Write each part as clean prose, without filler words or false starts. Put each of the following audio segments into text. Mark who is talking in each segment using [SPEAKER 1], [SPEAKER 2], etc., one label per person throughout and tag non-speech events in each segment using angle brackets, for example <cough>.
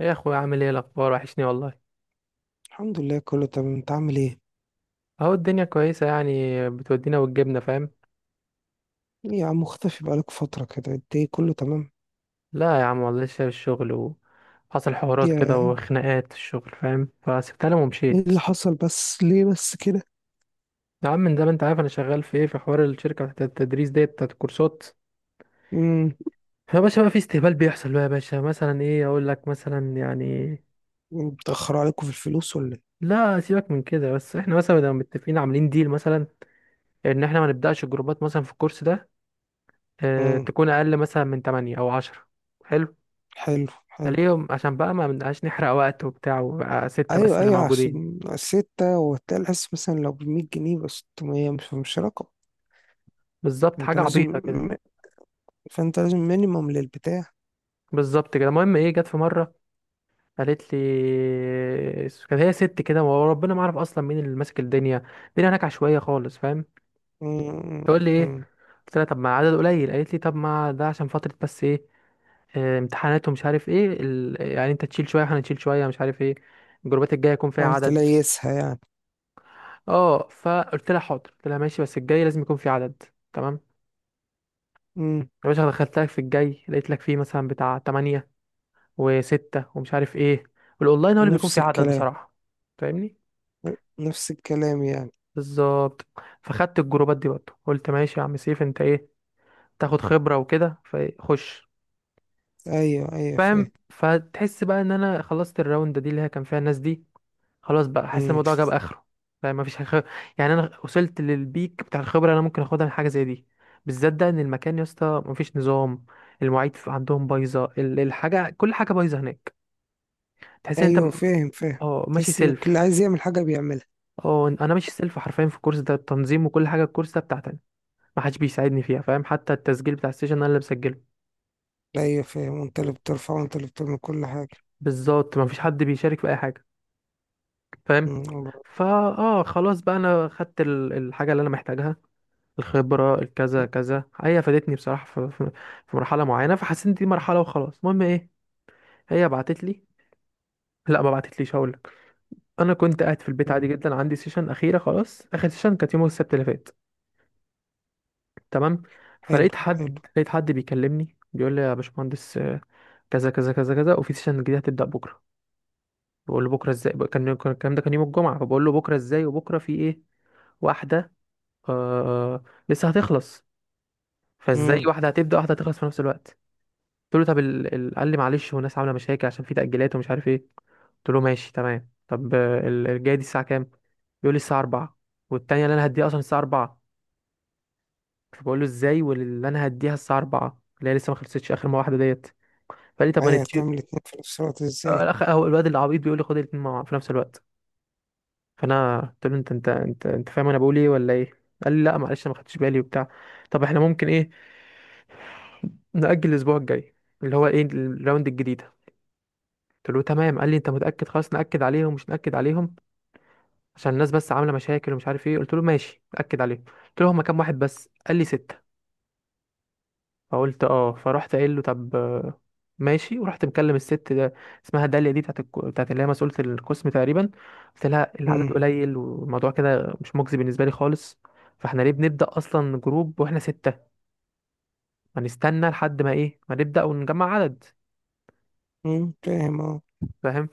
[SPEAKER 1] ايه يا اخويا، عامل ايه؟ الاخبار وحشني والله.
[SPEAKER 2] الحمد لله كله تمام. انت عامل ايه؟
[SPEAKER 1] اهو الدنيا كويسه يعني. بتودينا وتجيبنا، فاهم.
[SPEAKER 2] ايه يا عم مختفي بقالك فترة كده، انت ايه؟ كله تمام.
[SPEAKER 1] لا يا عم والله لسه في الشغل، وحصل حوارات كده
[SPEAKER 2] يا
[SPEAKER 1] وخناقات في الشغل، فاهم، فسبتها لهم
[SPEAKER 2] ايه
[SPEAKER 1] ومشيت.
[SPEAKER 2] اللي حصل؟ بس ليه بس كده؟
[SPEAKER 1] يا عم من زمان انت عارف انا شغال في ايه، في حوار الشركه بتاعت التدريس ديت بتاعت الكورسات.
[SPEAKER 2] امم
[SPEAKER 1] يا باشا بقى في استهبال بيحصل بقى يا باشا، مثلا ايه اقول لك، مثلا يعني
[SPEAKER 2] متأخروا عليكم في الفلوس ولا ايه؟
[SPEAKER 1] لا سيبك من كده، بس احنا مثلا لو متفقين عاملين ديل، مثلا ان احنا ما نبداش الجروبات مثلا في الكورس ده اه
[SPEAKER 2] امم
[SPEAKER 1] تكون اقل مثلا من 8 او 10
[SPEAKER 2] حلو. حلو.
[SPEAKER 1] ليهم، عشان بقى ما بنبقاش نحرق وقت وبتاع، وبقى ستة بس
[SPEAKER 2] ايوه
[SPEAKER 1] اللي
[SPEAKER 2] ايوه،
[SPEAKER 1] موجودين.
[SPEAKER 2] عشان ستة وتلاقي الحس مثلا لو بمية جنيه بس، 600 مش رقم.
[SPEAKER 1] بالظبط،
[SPEAKER 2] انت
[SPEAKER 1] حاجة عبيطة
[SPEAKER 2] لازم،
[SPEAKER 1] كده.
[SPEAKER 2] فانت لازم مينيمم للبتاع.
[SPEAKER 1] بالظبط كده. المهم ايه، جت في مرة قالت لي، كانت هي ست كده وربنا ما اعرف اصلا مين اللي ماسك الدنيا، الدنيا هناك عشوائية خالص فاهم.
[SPEAKER 2] امم
[SPEAKER 1] تقول لي ايه،
[SPEAKER 2] امم.
[SPEAKER 1] قلت لها طب ما عدد قليل، قالت لي طب ما ده عشان فترة بس، ايه امتحانات ومش عارف ايه يعني انت تشيل شوية احنا نشيل شوية، مش عارف ايه، الجروبات الجاية يكون فيها
[SPEAKER 2] حاول
[SPEAKER 1] عدد.
[SPEAKER 2] تليسها يعني.
[SPEAKER 1] اه فقلت لها حاضر، قلت لها ماشي بس الجاي لازم يكون فيه عدد، تمام.
[SPEAKER 2] امم
[SPEAKER 1] يا باشا دخلت لك في الجاي، لقيت لك فيه مثلا بتاع 8 و6 ومش عارف ايه، والاونلاين هو اللي بيكون
[SPEAKER 2] نفس
[SPEAKER 1] فيه عدد
[SPEAKER 2] الكلام.
[SPEAKER 1] بصراحة، فاهمني.
[SPEAKER 2] نفس الكلام يعني.
[SPEAKER 1] بالظبط، فخدت الجروبات دي برضه، قلت ماشي يا عم سيف انت ايه تاخد خبرة وكده، فخش،
[SPEAKER 2] ايوه ايوه فاهم.
[SPEAKER 1] فاهم. فتحس بقى ان انا خلصت الراوند دي اللي هي كان فيها الناس دي، خلاص بقى، حاسس الموضوع جاب اخره، فاهم. يعني انا وصلت للبيك بتاع الخبرة اللي انا ممكن اخدها من حاجة زي دي، بالذات ده ان المكان يا اسطى مفيش نظام، المواعيد عندهم بايظة، الحاجة، كل حاجة بايظة هناك. تحس ان انت
[SPEAKER 2] ايوه
[SPEAKER 1] م-
[SPEAKER 2] فاهم فاهم.
[SPEAKER 1] اه ماشي
[SPEAKER 2] تحس ان اللي
[SPEAKER 1] سيلف.
[SPEAKER 2] عايز يعمل حاجه بيعملها.
[SPEAKER 1] اه انا ماشي سيلف حرفيا، في الكورس ده التنظيم وكل حاجه، الكورس ده بتاعتي انا، ما حدش بيساعدني فيها فاهم، حتى التسجيل بتاع السيشن انا اللي بسجله.
[SPEAKER 2] ايوه فاهم، وانت اللي
[SPEAKER 1] مم.
[SPEAKER 2] بترفع وانت اللي بتعمل كل حاجه.
[SPEAKER 1] بالظبط، ما فيش حد بيشارك في اي حاجه فاهم.
[SPEAKER 2] مم، الله.
[SPEAKER 1] فا اه خلاص بقى انا خدت الحاجه اللي انا محتاجها، الخبره الكذا
[SPEAKER 2] مم.
[SPEAKER 1] كذا، هي فادتني بصراحه في مرحله معينه، فحسيت إن دي مرحله وخلاص. المهم ايه، هي بعتت لي، لا ما بعتتليش، هقول لك. انا كنت قاعد في البيت عادي
[SPEAKER 2] مم.
[SPEAKER 1] جدا، عندي سيشن اخيره، خلاص اخر سيشن كانت يوم السبت اللي فات، تمام. فلقيت
[SPEAKER 2] حلو حلو.
[SPEAKER 1] حد لقيت حد بيكلمني بيقول لي يا باشمهندس كذا كذا كذا كذا، وفي سيشن جديد هتبدأ بكرة. بقول له بكرة ازاي؟ الكلام ده كان يوم الجمعة، فبقول له بكرة ازاي وبكرة في ايه؟ واحدة آه لسه هتخلص، فازاي
[SPEAKER 2] امم
[SPEAKER 1] واحدة هتبدأ واحدة هتخلص في نفس الوقت؟ قلت له طب قال لي معلش، والناس عاملة مشاكل عشان في تأجيلات ومش عارف ايه. قلت له ماشي تمام، طب الجاية دي الساعة كام؟ بيقول لي الساعة 4، والتانية اللي انا هديها اصلا الساعة 4. فبقول له ازاي واللي انا هديها الساعه 4 اللي هي لسه ما خلصتش اخر ما واحده ديت؟ فقال لي طب ما
[SPEAKER 2] ايوه،
[SPEAKER 1] نتشير.
[SPEAKER 2] هتعمل اتنين في نفس الوقت ازاي؟
[SPEAKER 1] الاخ هو الواد العبيط بيقول لي خد الاثنين مع في نفس الوقت. فانا قلت له انت فاهم انا بقول ايه ولا ايه؟ قال لي لا معلش انا ما خدتش بالي وبتاع، طب احنا ممكن ايه، نأجل الأسبوع الجاي اللي هو إيه الراوند الجديدة. قلت له تمام، قال لي أنت متأكد؟ خلاص نأكد عليهم مش نأكد عليهم عشان الناس بس عاملة مشاكل ومش عارف إيه. قلت له ماشي نأكد عليهم. قلت له هما كام واحد بس؟ قال لي ستة. فقلت اه. فرحت قايل له طب ماشي، ورحت مكلم الست ده اسمها داليا دي، بتاعت اللي هي مسؤولة القسم تقريبا. قلت لها العدد
[SPEAKER 2] امم
[SPEAKER 1] قليل والموضوع كده مش مجزي بالنسبة لي خالص، فاحنا ليه بنبدأ أصلا جروب واحنا ستة؟ ما نستنى لحد ما ايه، ما نبدأ ونجمع عدد،
[SPEAKER 2] فاهم اه.
[SPEAKER 1] فاهم.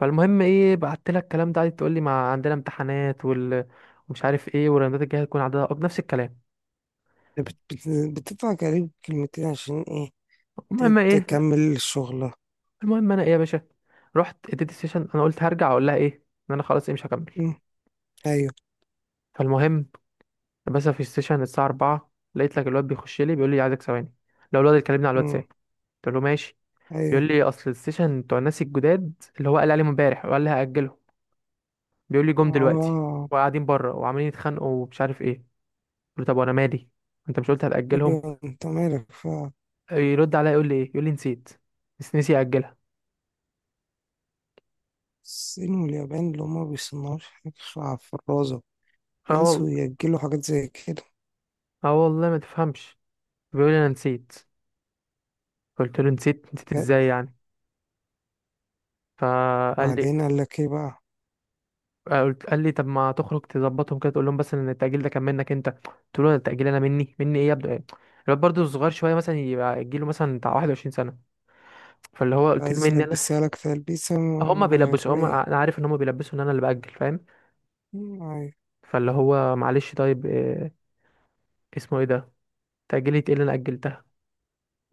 [SPEAKER 1] فالمهم ايه، بعت لها الكلام ده، قعدت تقول لي ما عندنا امتحانات ومش عارف ايه، والراندات الجايه هتكون عددها أكبر، نفس الكلام.
[SPEAKER 2] ده بت- بت- بتدفع كريم كلمتين عشان ايه؟
[SPEAKER 1] المهم ايه،
[SPEAKER 2] تكمل شغله.
[SPEAKER 1] المهم انا ايه يا باشا، رحت اديت السيشن، انا قلت هرجع اقول لها ايه ان انا خلاص ايه، مش هكمل.
[SPEAKER 2] امم ايوه.
[SPEAKER 1] فالمهم، بس في السيشن الساعة 4 لقيت لك الواد بيخش لي بيقول لي عايزك ثواني، لو الواد اللي كلمني على الواتساب.
[SPEAKER 2] امم
[SPEAKER 1] قلت له ماشي.
[SPEAKER 2] ايوه.
[SPEAKER 1] بيقول لي اصل السيشن بتوع الناس الجداد اللي هو قال عليهم امبارح وقال لي هأجله، بيقول لي جم دلوقتي
[SPEAKER 2] اه.
[SPEAKER 1] وقاعدين بره وعمالين يتخانقوا ومش عارف ايه. قلت له طب وانا مالي، انت مش قلت هتأجلهم؟
[SPEAKER 2] ايوه، انت مالك فعلا.
[SPEAKER 1] يرد عليا يقول لي ايه، يقول لي نسيت، بس نسي أجلها.
[SPEAKER 2] الصين واليابان اللي هما مبيصنعوش حاجة في الرازة،
[SPEAKER 1] اه والله،
[SPEAKER 2] ينسوا يأجلوا حاجات زي كده؟
[SPEAKER 1] اه والله ما تفهمش، بيقول لي انا نسيت. قلت له نسيت، نسيت ازاي يعني؟ فقال لي
[SPEAKER 2] بعدين قال لك ايه بقى؟
[SPEAKER 1] قلت قال لي طب ما تخرج تظبطهم كده، تقول لهم بس ان التأجيل ده كان منك. انت قلت له التأجيل، انا مني، مني ايه يا ابني؟ الواد برضه صغير شويه، مثلا يبقى يجيله مثلا بتاع 21 سنه. فاللي هو قلت له
[SPEAKER 2] عايز
[SPEAKER 1] مني انا،
[SPEAKER 2] يلبسها لك تلبيسة
[SPEAKER 1] هما بيلبسوا،
[SPEAKER 2] مغرية.
[SPEAKER 1] هما انا عارف ان هما بيلبسوا ان انا اللي بأجل فاهم.
[SPEAKER 2] مم، أيوة.
[SPEAKER 1] فاللي هو معلش طيب إيه، اسمه ايه ده، تأجيلي ايه اللي انا أجلتها؟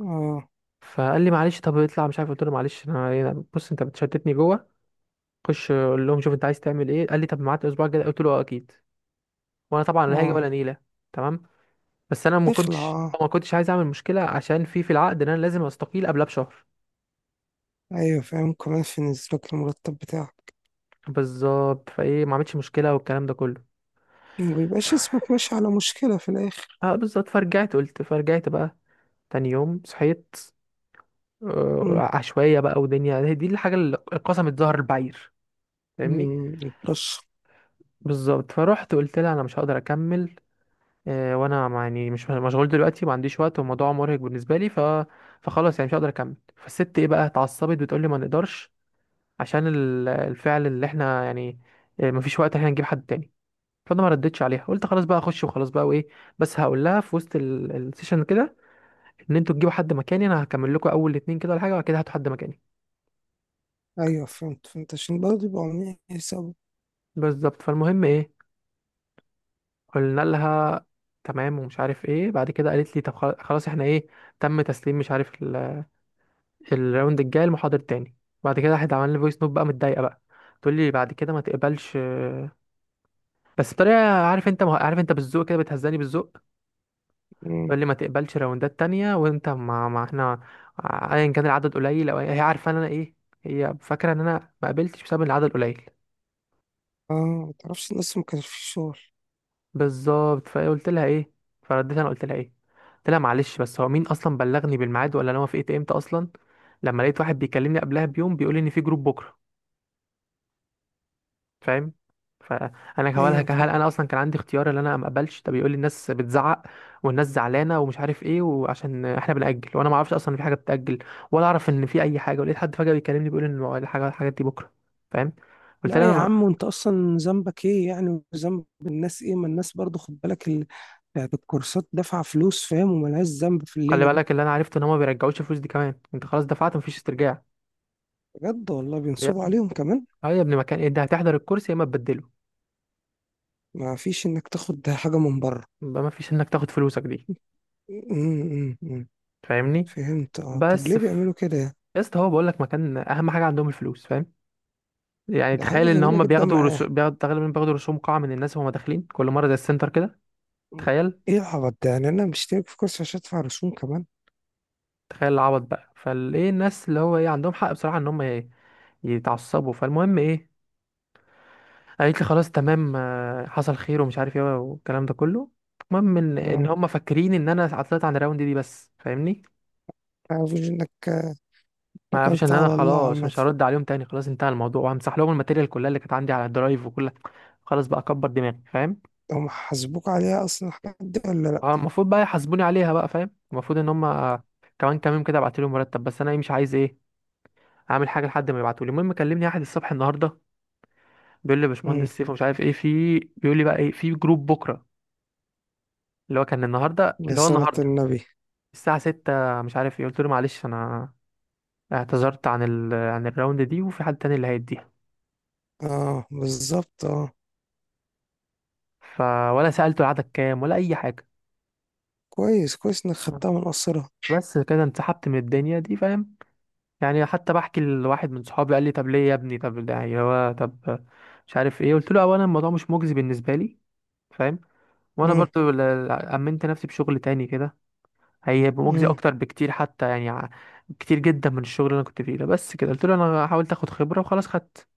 [SPEAKER 2] اه.
[SPEAKER 1] فقال لي معلش طب اطلع، مش عارف. قلت له معلش بص انت بتشتتني جوه، خش قول لهم، شوف انت عايز تعمل ايه. قال لي طب معاك اسبوع كده، قلت له اه اكيد، وانا طبعا لا هاجي
[SPEAKER 2] اه،
[SPEAKER 1] ولا نيله، تمام. بس انا ما
[SPEAKER 2] تخلع.
[SPEAKER 1] كنتش
[SPEAKER 2] اه،
[SPEAKER 1] ما كنتش عايز اعمل مشكله عشان في العقد ان انا لازم استقيل قبلها بشهر،
[SPEAKER 2] ايوه فاهم، كمان في نزلك المرتب بتاعك.
[SPEAKER 1] بالظبط، فايه ما عملتش مشكله والكلام ده كله.
[SPEAKER 2] مبيبقاش اسمك ماشي على مشكلة في الآخر.
[SPEAKER 1] <sighs> اه بالظبط. فرجعت بقى، تاني يوم صحيت
[SPEAKER 2] مم.
[SPEAKER 1] عشوائيه بقى ودنيا، هي دي الحاجه اللي قسمت ظهر البعير، فاهمني.
[SPEAKER 2] مم، بلش.
[SPEAKER 1] بالظبط، فروحت قلت لها انا مش هقدر اكمل وانا يعني مش مشغول دلوقتي، ما عنديش وقت والموضوع مرهق بالنسبه لي، فخلاص يعني مش هقدر اكمل. فالست ايه بقى اتعصبت بتقول لي ما نقدرش عشان الفعل اللي احنا يعني مفيش وقت، احنا نجيب حد تاني. فانا ما ردتش عليها، قلت خلاص بقى اخش وخلاص بقى وايه، بس هقول لها في وسط السيشن كده ان انتوا تجيبوا حد مكاني، انا هكمل لكم اول اتنين كده ولا حاجه وبعد كده هاتوا حد مكاني.
[SPEAKER 2] ايوه فهمت فهمت، عشان برضه يبقوا عاملين حساب.
[SPEAKER 1] بالظبط فالمهم ايه، قلنا لها تمام ومش عارف ايه، بعد كده قالت لي طب خلاص احنا ايه، تم تسليم مش عارف الراوند الجاي المحاضر تاني. بعد كده راحت عمل لي فويس نوت بقى متضايقه بقى، تقول لي بعد كده ما تقبلش بس بطريقه، عارف انت بالذوق كده، بتهزاني بالذوق،
[SPEAKER 2] مم،
[SPEAKER 1] تقول لي ما تقبلش راوندات تانية وانت ما احنا ايا كان العدد قليل او هي عارفه ان انا ايه، هي فاكره ان انا ما قبلتش بسبب إن العدد قليل.
[SPEAKER 2] اه. متعرفش الناس ما كانش في شغل.
[SPEAKER 1] بالظبط فقلت لها ايه، فرديت انا قلت لها ايه، قلت لها معلش بس هو مين اصلا بلغني بالميعاد، ولا انا وافقت امتى اصلا لما لقيت واحد بيكلمني قبلها بيوم بيقول لي ان في جروب بكره، فاهم؟ فانا هقولها
[SPEAKER 2] ايوه
[SPEAKER 1] هل
[SPEAKER 2] فاهم.
[SPEAKER 1] انا اصلا كان عندي اختيار ان انا ما اقبلش؟ ده بيقول لي الناس بتزعق والناس زعلانه ومش عارف ايه، وعشان احنا بنأجل، وانا ما اعرفش اصلا إن في حاجه بتأجل، ولا اعرف ان في اي حاجه، ولقيت حد فجأة بيكلمني بيقول ان الحاجات دي بكره، فاهم. قلت له
[SPEAKER 2] لا
[SPEAKER 1] انا
[SPEAKER 2] يا
[SPEAKER 1] ما-
[SPEAKER 2] عم، وانت اصلا ذنبك ايه يعني؟ وذنب الناس ايه؟ ما الناس برضه، خد بالك بتاعت الكورسات دافعة فلوس فاهم، وملهاش ذنب في
[SPEAKER 1] خلي
[SPEAKER 2] الليلة دي.
[SPEAKER 1] بالك اللي انا عرفته ان هم ما بيرجعوش الفلوس دي كمان، انت خلاص دفعت مفيش استرجاع
[SPEAKER 2] بجد والله
[SPEAKER 1] يا
[SPEAKER 2] بينصبوا
[SPEAKER 1] ابني.
[SPEAKER 2] عليهم كمان.
[SPEAKER 1] اه يا ابني، مكان انت هتحضر الكرسي يا اما تبدله،
[SPEAKER 2] ما فيش انك تاخد حاجة من بره.
[SPEAKER 1] يبقى مفيش انك تاخد فلوسك دي
[SPEAKER 2] أمم، أمم.
[SPEAKER 1] فاهمني.
[SPEAKER 2] فهمت اه. طب
[SPEAKER 1] بس
[SPEAKER 2] ليه
[SPEAKER 1] في...
[SPEAKER 2] بيعملوا كده يعني؟
[SPEAKER 1] يا اسطى هو بقول لك مكان، اهم حاجه عندهم الفلوس فاهم. يعني
[SPEAKER 2] ده حاجة
[SPEAKER 1] تخيل ان
[SPEAKER 2] غريبة
[SPEAKER 1] هم
[SPEAKER 2] جدا معاه.
[SPEAKER 1] بياخدوا تقريبا، بياخدوا رسوم قاعة من الناس وهم داخلين كل مرة زي السنتر كده. تخيل.
[SPEAKER 2] ايه العبط ده يعني؟ انا مشترك في كورس عشان ادفع رسوم كمان؟
[SPEAKER 1] تخيل العبط بقى، فالايه الناس اللي هو ايه عندهم حق بصراحة ان هم يتعصبوا. فالمهم ايه، قالت لي خلاص تمام حصل خير ومش عارف ايه والكلام ده كله. المهم ان
[SPEAKER 2] اه.
[SPEAKER 1] هم فاكرين ان انا عطلت عن الراوند دي بس فاهمني،
[SPEAKER 2] عارف انك
[SPEAKER 1] ما عرفش ان
[SPEAKER 2] اكلت
[SPEAKER 1] انا
[SPEAKER 2] على الله
[SPEAKER 1] خلاص
[SPEAKER 2] عامة.
[SPEAKER 1] مش هرد عليهم تاني، خلاص انتهى الموضوع وهمسح لهم الماتيريال كلها اللي كانت عندي على الدرايف وكل، خلاص بقى اكبر دماغي فاهم.
[SPEAKER 2] هم حاسبوك عليها اصلا الحاجات دي ولا لا؟
[SPEAKER 1] اه المفروض بقى يحاسبوني عليها بقى، فاهم، المفروض ان هم كمان كام يوم كده ابعت لهم مرتب، بس انا ايه مش عايز ايه اعمل حاجه لحد ما يبعتوا لي. المهم كلمني احد الصبح النهارده بيقول لي يا
[SPEAKER 2] أمم.
[SPEAKER 1] باشمهندس سيف مش عارف ايه، في بيقول لي بقى ايه، في جروب بكره اللي هو كان النهارده،
[SPEAKER 2] يا
[SPEAKER 1] اللي هو
[SPEAKER 2] صلاة
[SPEAKER 1] النهارده
[SPEAKER 2] النبي.
[SPEAKER 1] الساعه 6 مش عارف ايه. قلت له معلش انا اعتذرت عن عن الراوند دي، وفي حد تاني اللي هيديها،
[SPEAKER 2] اه بالظبط اه.
[SPEAKER 1] ف ولا سالته العدد كام ولا اي حاجه.
[SPEAKER 2] كويس كويس انك خدتها من قصرها.
[SPEAKER 1] بس كده انسحبت من الدنيا دي فاهم. يعني حتى بحكي لواحد من صحابي قال لي طب ليه يا ابني، طب ده يعني هو طب مش عارف ايه. قلت له اولا الموضوع مش مجزي بالنسبه لي فاهم، وانا
[SPEAKER 2] أمم،
[SPEAKER 1] برضو امنت نفسي بشغل تاني كده هيبقى مجزي
[SPEAKER 2] أمم.
[SPEAKER 1] اكتر بكتير، حتى يعني كتير جدا من الشغل اللي انا كنت فيه ده. بس كده قلت له انا حاولت اخد خبره وخلاص خدت،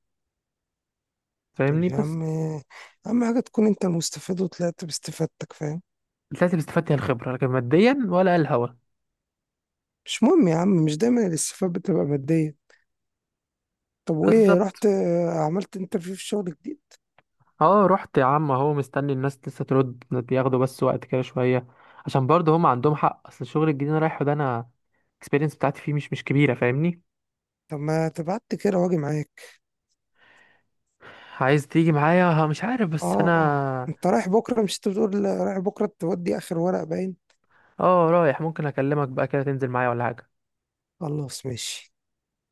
[SPEAKER 2] طب
[SPEAKER 1] فاهمني،
[SPEAKER 2] يا
[SPEAKER 1] بس
[SPEAKER 2] عم، اهم حاجة تكون انت المستفيد، وطلعت باستفادتك فاهم.
[SPEAKER 1] طلعت اللي استفدت هي الخبره، لكن ماديا ولا الهوا.
[SPEAKER 2] مش مهم يا عم، مش دايما الاستفادة بتبقى مادية. طب وايه، رحت
[SPEAKER 1] بالظبط،
[SPEAKER 2] آه، عملت انترفيو في شغل جديد؟
[SPEAKER 1] اه رحت يا عم اهو مستني الناس لسه ترد، بياخدوا بس وقت كده شويه، عشان برضه هم عندهم حق، اصل الشغل الجديد اللي أنا رايحه ده انا الاكسبيرينس بتاعتي فيه مش كبيره، فاهمني.
[SPEAKER 2] طب ما تبعت كده واجي معاك.
[SPEAKER 1] عايز تيجي معايا، ها؟ مش عارف
[SPEAKER 2] اه.
[SPEAKER 1] بس
[SPEAKER 2] آه.
[SPEAKER 1] انا،
[SPEAKER 2] انت رايح بكرة؟ مش انت بتقول رايح بكرة تودي اخر ورق باين؟
[SPEAKER 1] اه رايح، ممكن اكلمك بقى كده تنزل معايا ولا حاجه.
[SPEAKER 2] خلاص ماشي.